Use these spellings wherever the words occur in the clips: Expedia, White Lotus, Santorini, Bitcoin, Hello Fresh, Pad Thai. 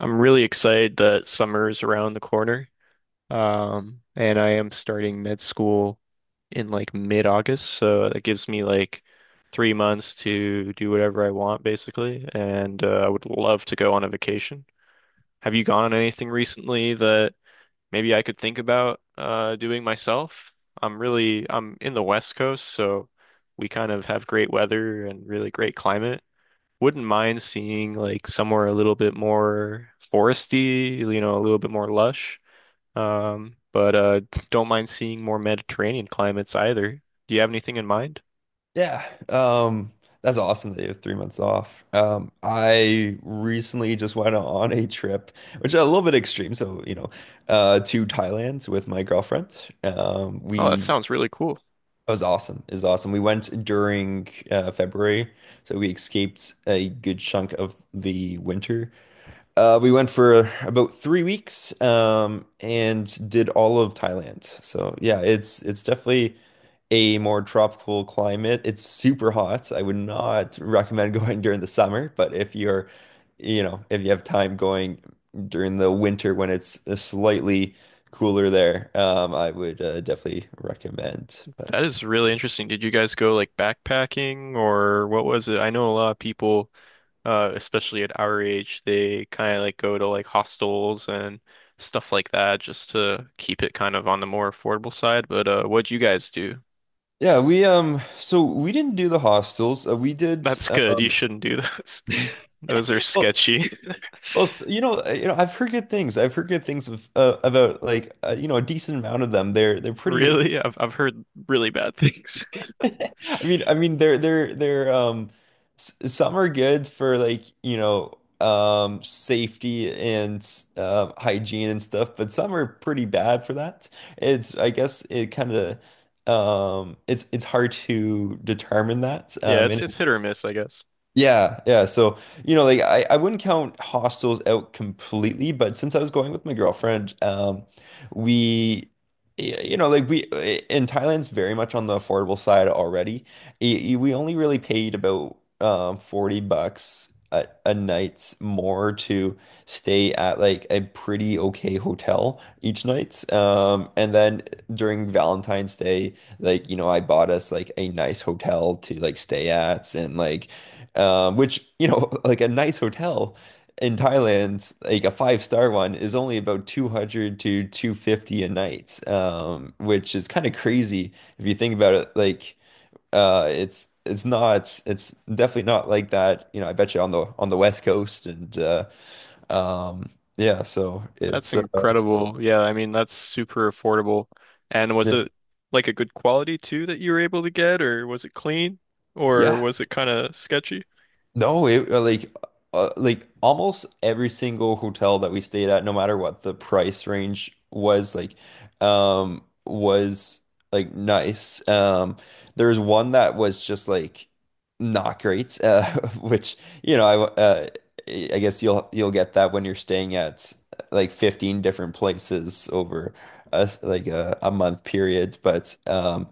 I'm really excited that summer is around the corner. And I am starting med school in like mid-August, so that gives me like 3 months to do whatever I want, basically. And I would love to go on a vacation. Have you gone on anything recently that maybe I could think about doing myself? I'm in the West Coast, so we kind of have great weather and really great climate wouldn't mind seeing like somewhere a little bit more foresty, you know, a little bit more lush. But Don't mind seeing more Mediterranean climates either. Do you have anything in mind? Yeah, um, that's awesome that you have 3 months off. I recently just went on a trip, which is a little bit extreme, so to Thailand with my girlfriend. Oh, that We sounds really cool. It was awesome. It was awesome. We went during February, so we escaped a good chunk of the winter. We went for about 3 weeks, and did all of Thailand. So yeah, it's definitely a more tropical climate. It's super hot. I would not recommend going during the summer, but if you're, if you have time going during the winter when it's slightly cooler there, I would definitely recommend. That But is really interesting. Did you guys go like backpacking or what was it? I know a lot of people, especially at our age, they kind of like go to like hostels and stuff like that just to keep it kind of on the more affordable side. But what'd you guys do? yeah, we so we didn't do the hostels. We did. That's good. You Um, shouldn't do those. Those are sketchy. Well, I've heard good things. I've heard good things of, about a decent amount of them. They're pretty. Really? I've heard really bad things. They're s some are good for like safety and hygiene and stuff, but some are pretty bad for that. It's I guess it kind of, it's hard to determine that. Yeah, it's And it's hit or miss, I guess. Yeah, yeah. So, you know, I wouldn't count hostels out completely, but since I was going with my girlfriend, we, y- you know, like we in Thailand's very much on the affordable side already. We only really paid about 40 bucks a night more to stay at like a pretty okay hotel each night. And then during Valentine's Day, I bought us like a nice hotel to like stay at, and which, you know, like a nice hotel in Thailand, like a five star one, is only about 200 to 250 a night, which is kind of crazy if you think about it. Like, it's not it's definitely not like that, you know, I bet you on the West Coast and um, yeah, so That's it's incredible. Yeah, I mean that's super affordable. And was yeah. it like a good quality too that you were able to get, or was it clean, or Yeah, was it kind of sketchy? no, it like almost every single hotel that we stayed at, no matter what the price range was, was like nice. There was one that was just like not great, which you know, I guess you'll get that when you're staying at like 15 different places over a s- like a month period, but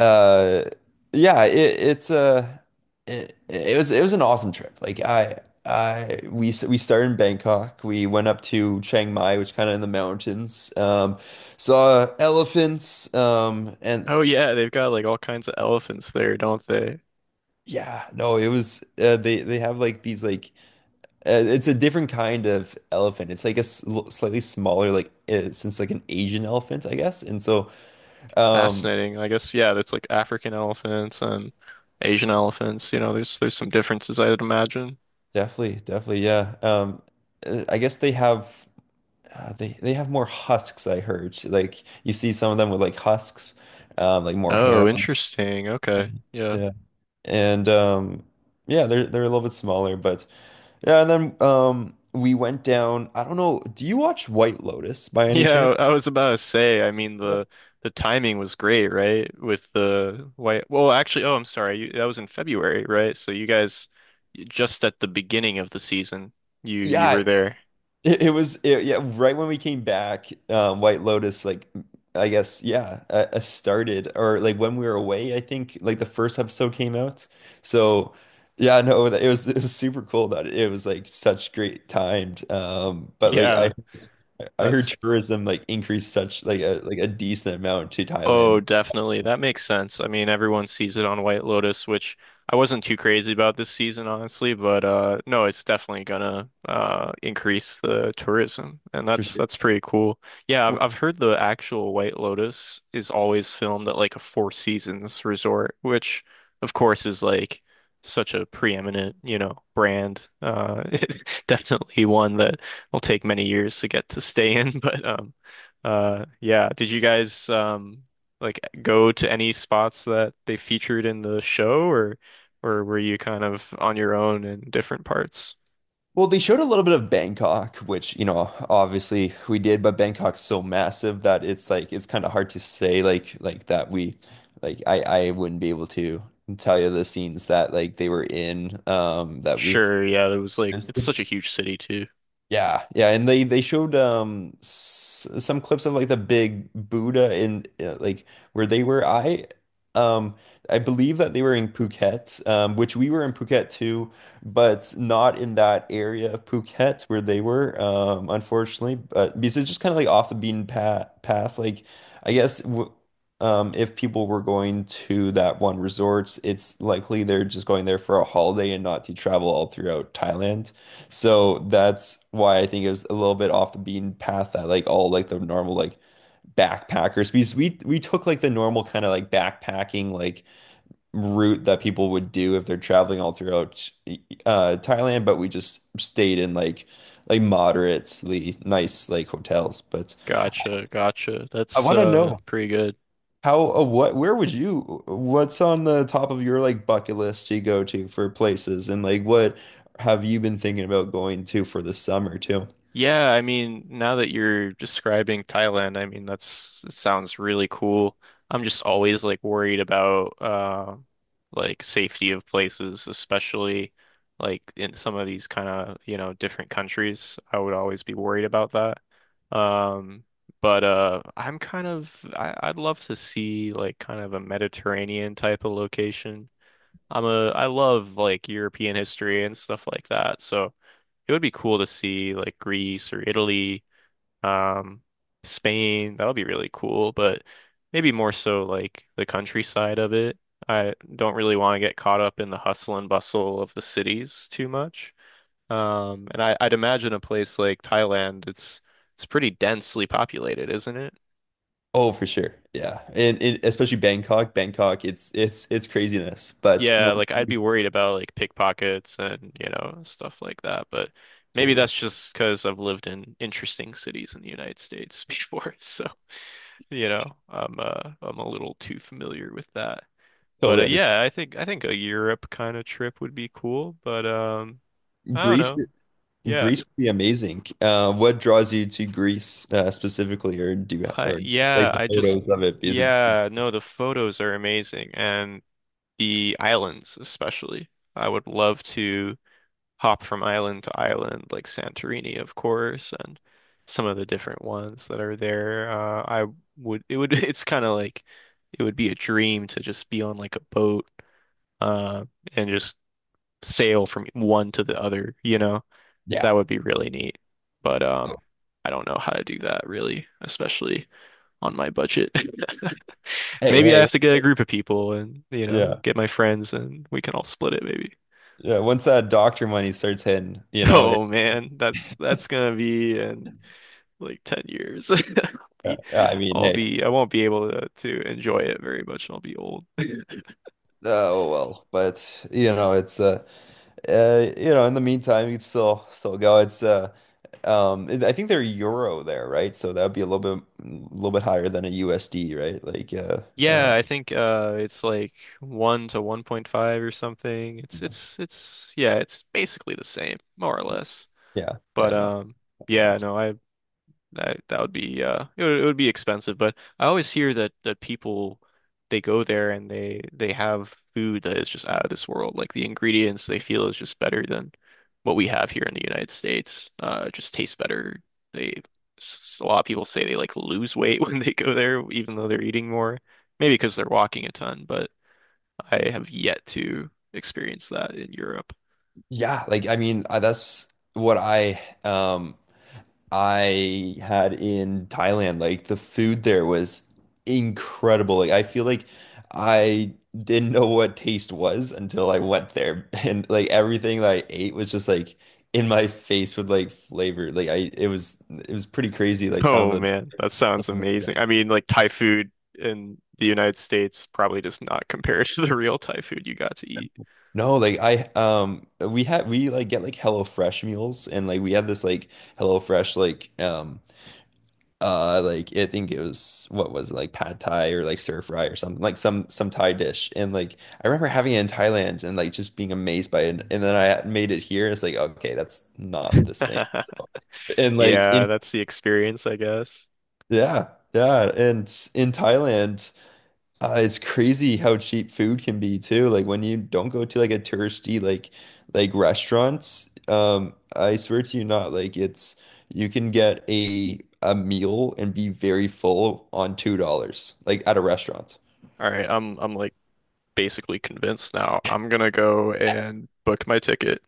uh yeah, it, it's a it, it was an awesome trip. Like I We started in Bangkok. We went up to Chiang Mai, which kind of in the mountains. Saw elephants and, Oh yeah, they've got like all kinds of elephants there, don't they? yeah, no, it was they have like these like, it's a different kind of elephant. It's like a slightly smaller, like since like an Asian elephant, I guess. And so um Fascinating. I guess yeah, that's like African elephants and Asian elephants. You know, there's some differences I'd imagine. Definitely, definitely, yeah. I guess they have. They have more husks, I heard. Like you see some of them with like husks, like more hair Oh, on it. interesting. Okay. Yeah. Yeah. And Yeah, they're a little bit smaller, but yeah, and then we went down. I don't know, do you watch White Lotus by any chance? Yeah, I was about to say, I mean the timing was great, right? With the white I'm sorry. That was in February, right? So you guys just at the beginning of the season, you Yeah, were there. Yeah, right when we came back, White Lotus, like I guess, yeah, started or like when we were away, I think like the first episode came out. So yeah, no, it was it was super cool that it was like such great timed. But like Yeah, I heard that's tourism like increased such like a decent amount to Oh, Thailand definitely. That makes sense. I mean, everyone sees it on White Lotus, which I wasn't too crazy about this season, honestly, but no, it's definitely gonna increase the tourism. And for sure. that's pretty cool. Yeah, I've heard the actual White Lotus is always filmed at like a Four Seasons resort, which of course is like such a preeminent, you know, brand. It's definitely one that will take many years to get to stay in, but yeah, did you guys like go to any spots that they featured in the show or were you kind of on your own in different parts? Well, they showed a little bit of Bangkok, which, you know, obviously we did, but Bangkok's so massive that it's kind of hard to say, like that we like I wouldn't be able to tell you the scenes that like they were in. That we Sure, yeah, there was like it's such a huge city too. Yeah, yeah, and they showed s some clips of like the big Buddha in like where they were. Um I believe that they were in Phuket, which we were in Phuket too, but not in that area of Phuket where they were, unfortunately. But because it's just kind of like off the beaten path, Like I guess w if people were going to that one resort, it's likely they're just going there for a holiday and not to travel all throughout Thailand. So that's why I think it was a little bit off the beaten path that like all like the normal like backpackers, because we took like the normal kind of like backpacking like route that people would do if they're traveling all throughout Thailand, but we just stayed in like moderately nice like hotels. But Gotcha, gotcha. I That's want to know pretty good. how, what where would you what's on the top of your like bucket list to go to for places, and like what have you been thinking about going to for the summer too? Yeah, I mean, now that you're describing Thailand, I mean, that's it sounds really cool. I'm just always like worried about like safety of places, especially like in some of these kind of, you know, different countries. I would always be worried about that. Um but I'm kind of I'd love to see like kind of a Mediterranean type of location. I love like European history and stuff like that. So it would be cool to see like Greece or Italy, um, Spain. That would be really cool, but maybe more so like the countryside of it. I don't really want to get caught up in the hustle and bustle of the cities too much. I'd imagine a place like Thailand, it's pretty densely populated, isn't it? Oh, for sure. Yeah. And especially Bangkok. Bangkok, it's craziness. But Yeah, once like I'd you be worried about like pickpockets and, you know, stuff like that, but maybe totally that's just because I've lived in interesting cities in the United States before, so. You know, I'm a little too familiar with that. But totally understand. yeah, I think a Europe kind of trip would be cool, but I don't Greece. know. Yeah. Greece would be amazing. What draws you to Greece specifically, or do you ha or like the I just photos of it, because it's yeah, no, the photos are amazing and the islands especially. I would love to hop from island to island like Santorini, of course, and some of the different ones that are there. I would it would it's kind of like it would be a dream to just be on like a boat uh, and just sail from one to the other, you know? That yeah. would be really neat. But I don't know how to do that really, especially on my budget. Hey, Maybe I hey. have to get a group of people and, you know, Yeah. get my friends and we can all split it maybe. Yeah, once that doctor money starts hitting, Oh man, that's gonna be in like 10 years. Be- I mean, I'll hey. be I won't be able to enjoy it very much. I'll be old. Oh well, but you know, in the meantime you could still go. It's I think they're euro there, right? So that would be a little bit higher than a USD, right? Yeah, uh I think it's like 1 to 1.5 or something. Yeah, It's yeah, it's basically the same, more or less. But yeah no, yeah, no, that that would be it would be expensive, but I always hear that people they go there and they have food that is just out of this world. Like the ingredients they feel is just better than what we have here in the United States. It just tastes better. They a lot of people say they like lose weight when they go there, even though they're eating more. Maybe because they're walking a ton, but I have yet to experience that in Europe. yeah, like I mean, that's what um I had in Thailand. Like the food there was incredible. Like I feel like I didn't know what taste was until I went there. And like everything that I ate was just like in my face with like flavor. Like I it was pretty crazy. Like some Oh of man, that sounds the amazing. I mean, like Thai food in the United States probably does not compare to the real Thai food you got to eat. no, like I we had we like get like Hello Fresh meals, and like we had this like Hello Fresh like I think it was, what was it, like pad thai or like stir fry or something, like some Thai dish, and like I remember having it in Thailand and like just being amazed by it, and then I made it here, it's like okay, that's not the same. So and like Yeah, in that's the experience, I guess. Yeah, yeah, and in Thailand it's crazy how cheap food can be too. Like when you don't go to like a touristy like restaurants, I swear to you not, like it's you can get a meal and be very full on $2, like at a restaurant. All right, I'm like basically convinced now. I'm gonna go and book my ticket.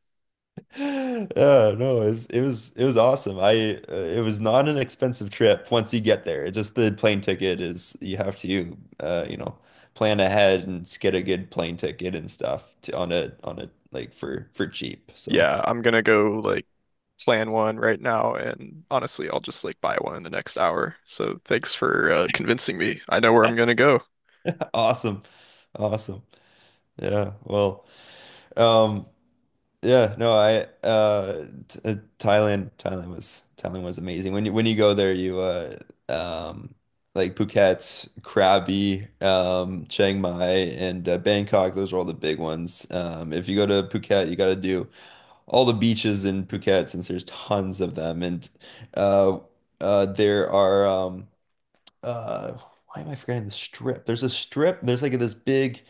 Yeah, no, it was awesome. I It was not an expensive trip once you get there. It's just the plane ticket is you have to you know, plan ahead and get a good plane ticket and stuff to, on a like for cheap. So. Yeah, I'm gonna go like plan one right now, and honestly, I'll just like buy one in the next hour. So thanks for convincing me. I know where I'm gonna go. Awesome. Awesome. Yeah. Well, um, yeah, no, I t Thailand was amazing. When you go there, you um like Phuket, Krabi, Chiang Mai, and Bangkok, those are all the big ones. If you go to Phuket, you got to do all the beaches in Phuket, since there's tons of them. And uh, there are, uh, why am I forgetting the strip? There's a strip, there's like this big,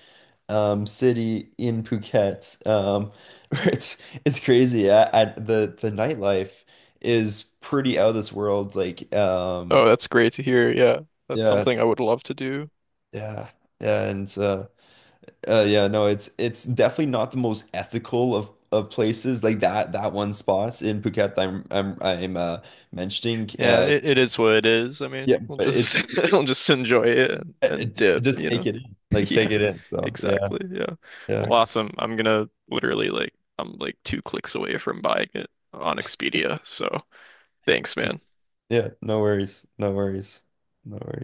city in Phuket. It's it's crazy. I The nightlife is pretty out of this world. Oh, that's great to hear. Yeah, that's Yeah, something I would love to do. yeah. Yeah, and yeah, no, it's definitely not the most ethical of places, like that that one spot in Phuket that I'm mentioning. Yeah, it is what it is. I mean, Yeah, we'll but just we'll just enjoy it and dip, just you take know. it in. Like take Yeah, it in. So, yeah. exactly. Yeah. Yeah. Well, awesome. I'm like two clicks away from buying it on Expedia, so Thanks, So, man. yeah, no worries. No worries. No worries.